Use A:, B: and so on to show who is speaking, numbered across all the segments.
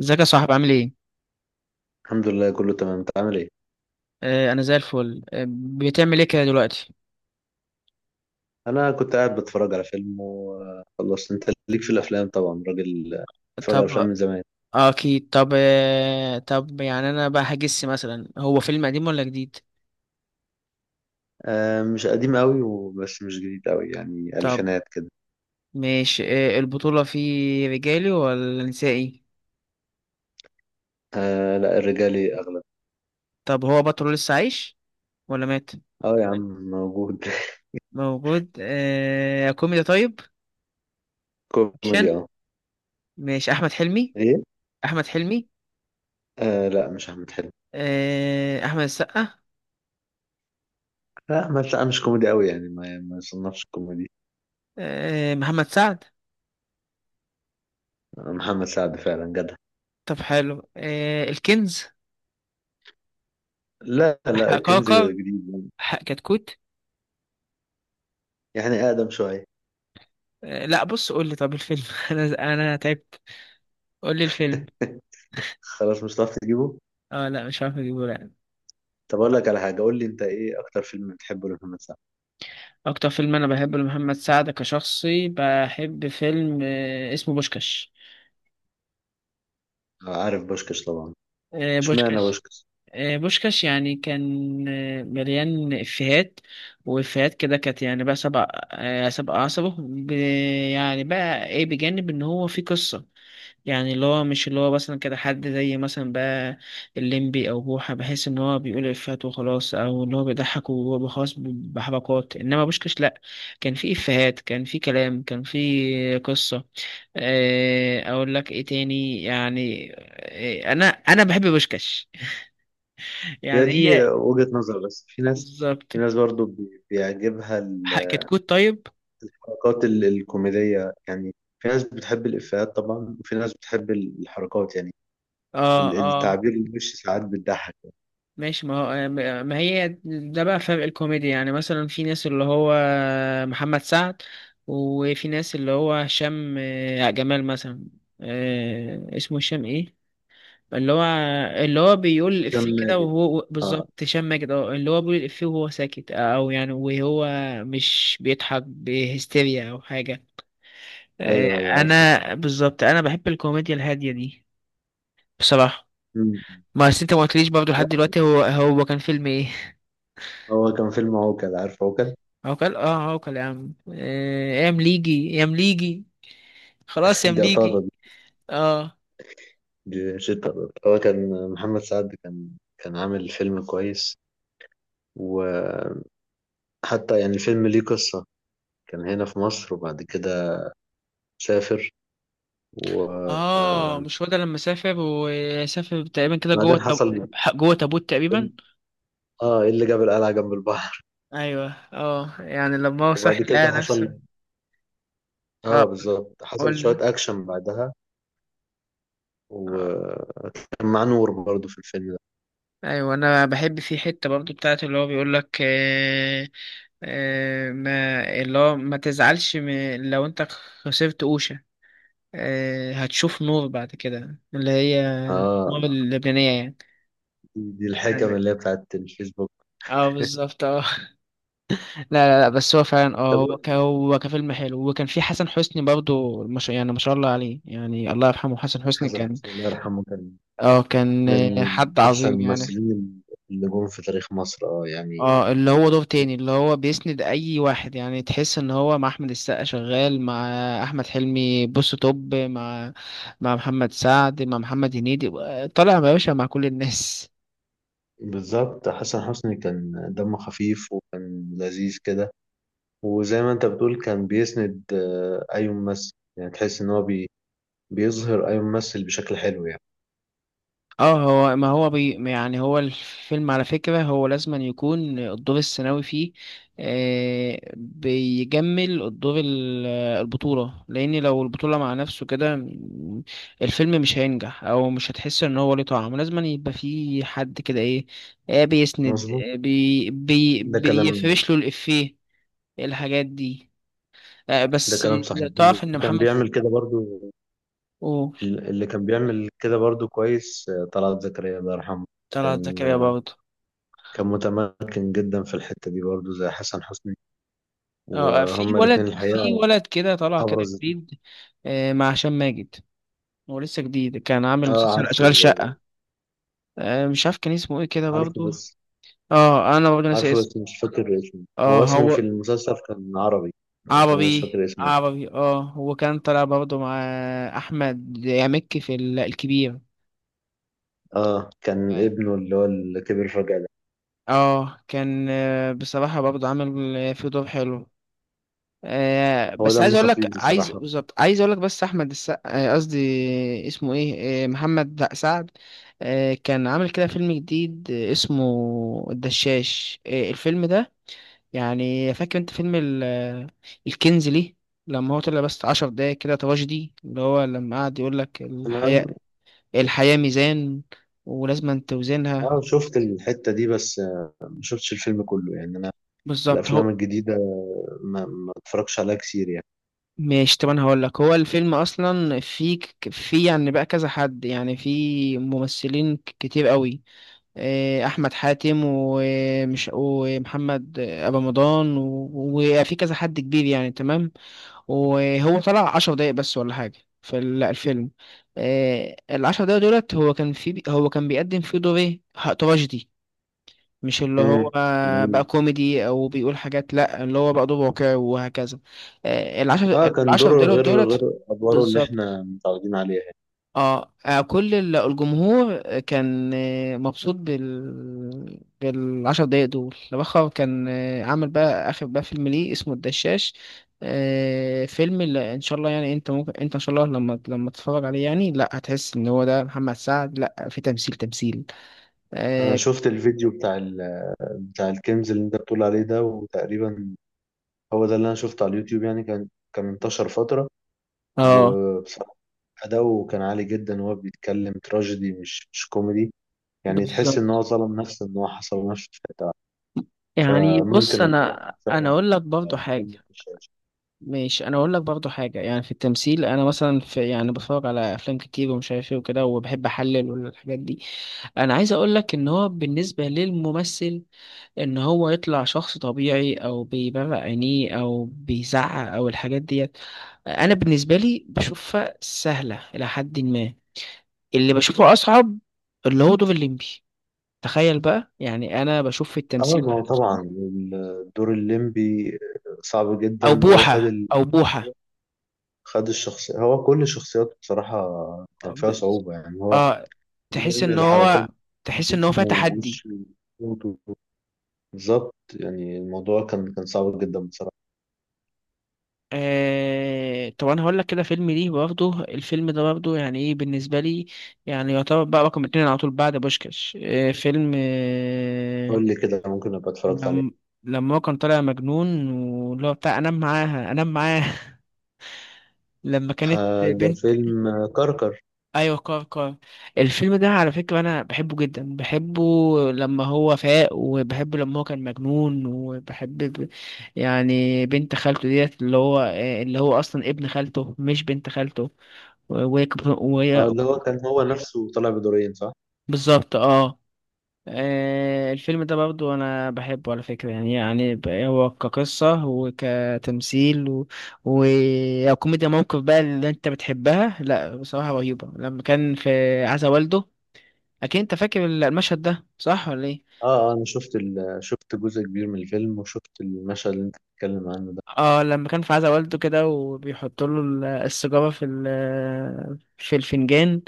A: ازيك يا صاحبي؟ عامل ايه؟
B: الحمد لله كله تمام، انت عامل ايه؟
A: آه، انا زي الفل. بتعمل ايه كده دلوقتي؟
B: انا كنت قاعد بتفرج على فيلم وخلصت. انت ليك في الافلام طبعا، راجل بتفرج على
A: طب،
B: افلام من زمان.
A: اكيد. طب، طب، يعني انا بقى هجس، مثلا هو فيلم قديم ولا جديد؟
B: مش قديم قوي وبس مش جديد قوي، يعني
A: طب،
B: الفينات كده.
A: ماشي. البطولة فيه رجالي ولا نسائي؟
B: آه لا، الرجالي اغلب.
A: طب، هو بطل لسه عايش ولا مات؟
B: اه يا عم موجود.
A: موجود. آه، كوميدي طيب؟ اكشن.
B: كوميدي اه.
A: ماشي، احمد حلمي.
B: ايه؟
A: احمد حلمي.
B: آه لا مش احمد حلمي.
A: آه، احمد السقا.
B: لا احمد، لا مش كوميدي قوي يعني ما يصنفش كوميدي.
A: آه، محمد سعد.
B: آه، محمد سعد فعلا جدع.
A: طب حلو. آه، الكنز؟
B: لا لا، الكنز
A: حقاقر؟
B: جديد. يعني،
A: حق كتكوت؟
B: يعني اقدم شويه.
A: آه، لا بص، قول لي طب الفيلم. انا تعبت، قول لي الفيلم.
B: خلاص مش هتعرف تجيبه.
A: اه لا، مش عارف اجيبه، لا.
B: طب اقول لك على حاجه، قول لي انت ايه اكتر فيلم بتحبه لمحمد سعد؟
A: اكتر فيلم انا بحبه لمحمد سعد كشخصي، بحب فيلم اسمه بوشكاش.
B: عارف بوشكش طبعا.
A: آه،
B: اشمعنى
A: بوشكاش.
B: بوشكش؟
A: آه، بوشكاش يعني كان مليان افيهات، وافيهات كده، كانت يعني بقى سبع عصبه يعني بقى ايه، بجانب ان هو في قصة. يعني اللي هو مش اللي هو مثلا كده حد زي مثلا بقى الليمبي او بوحة، بحس ان هو بيقول افيهات وخلاص، او اللي هو بيضحك وهو خلاص بحبكات. انما بوشكش لا، كان في افيهات، كان في كلام، كان في قصة. اقول لك ايه تاني؟ يعني انا بحب بوشكش،
B: هي
A: يعني هي
B: دي وجهة نظر، بس في ناس،
A: بالظبط.
B: في ناس برضو بيعجبها
A: كتكوت طيب؟
B: الكوميدية يعني. في ناس بتحب الإفيهات طبعا، وفي ناس بتحب الحركات يعني
A: اه. آه.
B: التعبير الوش، ساعات بتضحك.
A: ماشي. ما هي ده بقى فرق الكوميديا، يعني مثلا في ناس اللي هو محمد سعد، وفي ناس اللي هو هشام، جمال مثلا. آه، اسمه هشام ايه؟ اللي هو اللي هو بيقول
B: هشام
A: الإفيه كده
B: ماجد،
A: وهو
B: اه.
A: بالظبط، هشام ماجد، اه، اللي هو بيقول الإفيه وهو ساكت، او يعني وهو مش بيضحك بهستيريا او حاجة. آه.
B: ايوه ايوه عارفه.
A: انا بالظبط بحب الكوميديا الهادية دي بصراحة.
B: مم.
A: ما أصل انت ما قلتليش برضه لحد دلوقتي هو كان فيلم ايه؟
B: هو كان فيلم عوكل، عارف عوكل؟
A: عوكل، اه عوكل يا عم. آه، يا مليجي، يا مليجي، خلاص يا
B: دي
A: مليجي.
B: أطارد،
A: اه،
B: دي شتا أطارد. هو كان محمد سعد كان كان عامل فيلم كويس، وحتى يعني الفيلم ليه قصة. كان هنا في مصر وبعد كده سافر، وبعدين
A: اه، مش هو ده لما سافر وسافر تقريبا كده
B: حصل.
A: جوه تابوت تقريبا؟
B: اه، ايه اللي جاب القلعة جنب البحر؟
A: ايوه، اه، يعني لما هو
B: وبعد
A: صحي
B: كده
A: لقى نفسه.
B: حصل. اه
A: اه،
B: بالظبط، حصل
A: قول.
B: شوية أكشن بعدها.
A: آه.
B: وكان مع نور برضه في الفيلم ده.
A: ايوه، انا بحب في حته برضو بتاعت اللي هو بيقول لك، ما اللي هو ما تزعلش لو انت خسرت قوشة، هتشوف نور بعد كده، اللي هي النور
B: اه،
A: اللبنانية
B: دي دي الحكم
A: يعني.
B: اللي هي بتاعت الفيسبوك.
A: اه بالظبط، اه. لا لا لا، بس هو فعلا اه،
B: طب قول
A: هو
B: لي،
A: هو كفيلم حلو. وكان في حسن حسني برضو، مش يعني ما شاء الله عليه يعني، الله يرحمه. حسن حسني
B: حسن
A: كان،
B: حسني الله يرحمه كان
A: اه كان
B: من
A: حد
B: أحسن
A: عظيم يعني.
B: الممثلين اللي جم في تاريخ مصر، اه يعني.
A: اه، اللي هو دور تاني، اللي هو بيسند اي واحد، يعني تحس ان هو مع احمد السقا شغال، مع احمد حلمي بص توب، مع محمد سعد، مع محمد هنيدي، طالع يا باشا، مع كل الناس.
B: بالظبط، حسن حسني كان دمه خفيف وكان لذيذ كده. وزي ما انت بتقول، كان بيسند اي ممثل، يعني تحس ان هو بيظهر اي ممثل بشكل حلو يعني.
A: اه، هو ما هو بي يعني هو الفيلم على فكرة، هو لازم أن يكون الدور الثانوي فيه آه بيجمل الدور البطولة. لأن لو البطولة مع نفسه كده الفيلم مش هينجح، أو مش هتحس إن هو ليه طعم. لازم أن يبقى فيه حد كده إيه، آه بيسند،
B: مظبوط،
A: آه بي بي
B: ده كلام.
A: بيفرش له الإفيه، الحاجات دي. آه
B: ده
A: بس،
B: كلام صحيح. اللي
A: تعرف إن
B: كان
A: محمد،
B: بيعمل كده برضو،
A: أوه.
B: اللي كان بيعمل كده برضو كويس طلعت زكريا الله يرحمه.
A: طلعت
B: كان
A: زكريا برضه.
B: كان متمكن جدا في الحتة دي برضو زي حسن حسني،
A: اه، في
B: وهما الاتنين
A: ولد، في
B: الحقيقة
A: ولد كده طلع كده
B: أبرز.
A: جديد، آه، مع هشام ماجد. هو لسه جديد، كان عامل
B: اه
A: مسلسل
B: عارفه.
A: أشغال شقة، آه، مش عارف كان اسمه ايه كده
B: عارفه
A: برضو.
B: بس،
A: اه، انا برضو ناسي
B: عارفه
A: اسمه.
B: بس مش فاكر اسمه.
A: اه،
B: هو اسمه في
A: هو
B: المسلسل كان عربي، لكن أنا مش
A: عربي،
B: فاكر اسمه.
A: عربي. اه، هو كان طلع برضو مع احمد يامكي في الكبير.
B: اه، كان ابنه اللي هو اللي كبر فجأة ده.
A: اه كان آه، بصراحة برضو عامل آه، فيه دور حلو. آه
B: هو
A: بس عايز
B: دمه
A: اقول لك
B: خفيف
A: عايز
B: بصراحة.
A: بالظبط عايز اقول لك، بس احمد السقا، آه قصدي اسمه ايه، آه محمد، لأ، سعد، آه كان عامل كده فيلم جديد، آه، اسمه الدشاش، آه الفيلم ده. يعني فاكر انت فيلم الكنز ليه، لما هو طلع بس 10 دقايق كده تراجيدي، اللي هو لما قعد يقول لك:
B: انا
A: الحياة ميزان، ولازم توزنها.
B: اه شفت الحتة دي بس، ما شفتش الفيلم كله يعني. انا
A: بالظبط،
B: الافلام
A: هو.
B: الجديدة ما اتفرجش عليها كتير يعني.
A: ماشي، طب انا هقول لك، هو الفيلم اصلا في في يعني بقى كذا حد، يعني في ممثلين كتير قوي، آه، احمد حاتم، ومش ومحمد ابو رمضان وفي كذا حد كبير يعني، تمام. وهو طلع 10 دقايق بس ولا حاجه في الفيلم. آه، ال10 دقايق دولت هو كان في، هو كان بيقدم فيه دور ايه، تراجيدي، مش اللي هو
B: امم
A: بقى
B: جميل.
A: كوميدي او بيقول حاجات، لا، اللي هو بقى دوب واقعي وهكذا. آه، العشر
B: اه كان
A: العشر
B: دوره
A: دولار
B: غير، غير
A: دولت.
B: ادواره اللي
A: بالظبط.
B: احنا متعودين عليها يعني.
A: اه، آه، كل الجمهور كان آه، مبسوط بال10 دقايق دول. لبخر كان، آه، عامل بقى اخر بقى فيلم ليه اسمه الدشاش، آه، فيلم اللي ان شاء الله يعني، انت ممكن انت ان شاء الله لما تتفرج عليه يعني، لا هتحس ان هو ده محمد سعد، لا في تمثيل تمثيل.
B: انا
A: اه.
B: شفت الفيديو بتاع بتاع الكنز اللي انت بتقول عليه ده، وتقريبا هو ده اللي انا شفته على اليوتيوب يعني. كان كان انتشر فترة.
A: آه،
B: وبصراحة أداؤه كان عالي جدا وهو بيتكلم تراجيدي، مش مش كوميدي. يعني تحس ان هو
A: بالظبط.
B: ظلم نفسه، ان هو حصر نفسه في حته واحدة.
A: يعني بص،
B: فممكن اتفرج
A: انا
B: فعلا
A: اقول لك برضو
B: على فيلم
A: حاجه.
B: في الشاشه.
A: ماشي، انا اقول لك برضو حاجه، يعني في التمثيل، انا مثلا، في يعني بتفرج على افلام كتير ومش عارف ايه وكده، وبحب احلل والحاجات دي. انا عايز اقول لك، ان هو بالنسبه للممثل، ان هو يطلع شخص طبيعي، او بيبرق عينيه، او بيزعق، او الحاجات ديت، انا بالنسبه لي بشوفها سهله الى حد ما. اللي بشوفه اصعب، اللي هو دور الليمبي، تخيل بقى، يعني انا بشوف في
B: اه
A: التمثيل
B: ما هو
A: بقى،
B: طبعا الدور الليمبي صعب
A: او
B: جدا. وهو
A: بوحه،
B: خد
A: او بوحه.
B: خد الشخصية. هو كل شخصياته بصراحة كان فيها
A: بس.
B: صعوبة، يعني هو
A: اه، تحس
B: بيعمل
A: ان
B: الحركات
A: هو، تحس ان هو
B: بجسمه
A: فيها تحدي.
B: ووشه وصوته. بالظبط، يعني الموضوع كان كان صعب جدا بصراحة.
A: آه، طب انا هقول لك كده فيلم ليه برضه، الفيلم ده برضه يعني ايه بالنسبه لي، يعني يعتبر بقى رقم 2 على طول بعد بوشكاش، آه، فيلم آه،
B: قول لي كده، ممكن أبقى اتفرجت عليه.
A: لما هو كان طالع مجنون، واللي هو بتاع انام معاها، انام معاها، لما كانت
B: آه ده
A: بنت.
B: فيلم كركر.
A: ايوه، كار كار، الفيلم ده على فكره انا بحبه جدا، بحبه لما هو فاق، وبحبه لما هو كان مجنون، وبحب يعني بنت خالته ديت، اللي هو، اللي هو اصلا ابن خالته مش بنت خالته،
B: آه
A: وهي
B: اللي هو كان هو نفسه طالع بدورين، صح؟
A: بالظبط. اه. آه، الفيلم ده برضو انا بحبه على فكرة يعني، يعني هو كقصة وكتمثيل وكوميديا موقف بقى اللي انت بتحبها، لا بصراحة رهيبة، لما كان في عزا والده، اكيد انت فاكر المشهد ده صح ولا ايه؟
B: اه اه، انا شفت شفت جزء كبير من الفيلم، وشفت المشهد اللي انت بتتكلم عنه ده.
A: اه، لما كان في عزا والده كده، وبيحط له السيجاره في في الفنجان،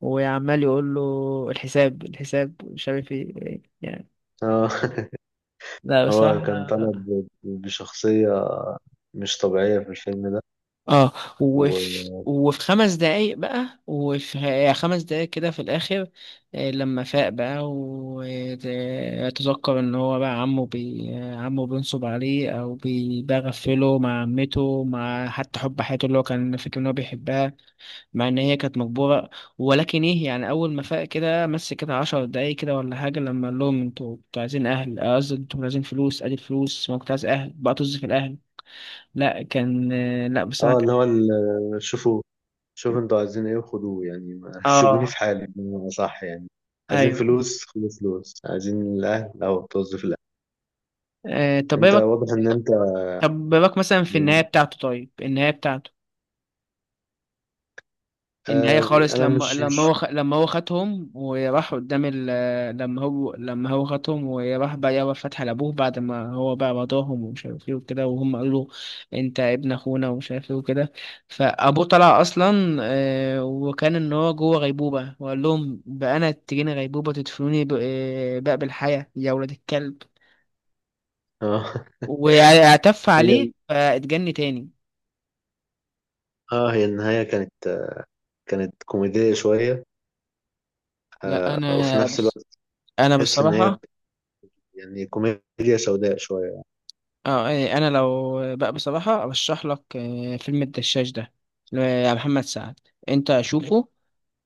A: وعمال يقول له: الحساب، الحساب، مش عارف ايه يعني.
B: آه.
A: لا
B: هو كان طالع
A: بصراحه،
B: بشخصية مش طبيعية في الفيلم ده.
A: اه. وفي
B: و...
A: وفي 5 دقايق بقى، وفي يعني 5 دقايق كده في الآخر، آه، لما فاق بقى، وتذكر إن هو بقى عمه عمه بينصب عليه، أو بيغفله مع عمته، مع حتى حب حياته اللي هو كان فاكر إن هو بيحبها، مع إن هي كانت مجبورة. ولكن إيه يعني، أول ما فاق كده مس كده 10 دقايق كده ولا حاجة، لما قال لهم: أنتوا عايزين أهل، آه قصدي أنتوا عايزين فلوس، أدي الفلوس، ما كنت عايز أهل بقى، طز في الأهل. لا كان آه، لا بصراحة.
B: اه اللي هو شوفوا، شوفوا انتوا عايزين ايه وخدوه يعني، ما سيبوني
A: اه،
B: في حالي بمعنى، صح يعني. عايزين
A: ايوه.
B: فلوس خدوا فلوس، عايزين الاهل او توظف الاهل.
A: آه طب ايه
B: انت
A: بك،
B: واضح ان انت
A: طب إيه بك مثلا في النهايه
B: يعني،
A: بتاعته؟ طيب، النهايه بتاعته، النهايه
B: آه
A: خالص،
B: انا
A: لما
B: مش
A: لما
B: مش
A: هو خ... لما هو خدهم وراح قدام لما هو هو خدهم وراح بقى، يابا فتح لابوه، بعد ما هو بقى رضاهم ومش عارف ايه وكده، وهم قالوا له انت ابن اخونا ومش عارف ايه وكده، فابوه طلع اصلا آه وكان ان هو جوه غيبوبه، وقال لهم بقى: انا تجيني غيبوبه تدفنوني ب... آه، بقى بالحياه يا ولاد الكلب،
B: آه.
A: واعتف عليه
B: هي
A: فاتجن تاني.
B: اه، هي النهاية كانت كانت كوميدية شوية،
A: لا
B: آه وفي
A: انا
B: نفس
A: بس،
B: الوقت
A: انا
B: تحس ان هي
A: بصراحه،
B: يعني كوميديا سوداء شوية.
A: اه، إيه، انا لو بقى بصراحه ارشح لك، آه، فيلم الدشاش ده لمحمد سعد، انت شوفه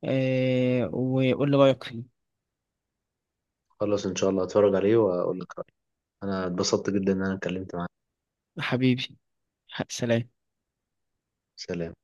A: آه، وقول لي رايك فيه.
B: خلاص إن شاء الله هتفرج عليه وأقول لك رأيي. أنا اتبسطت جدا إن أنا اتكلمت معاك.
A: حبيبي، سلام.
B: سلام.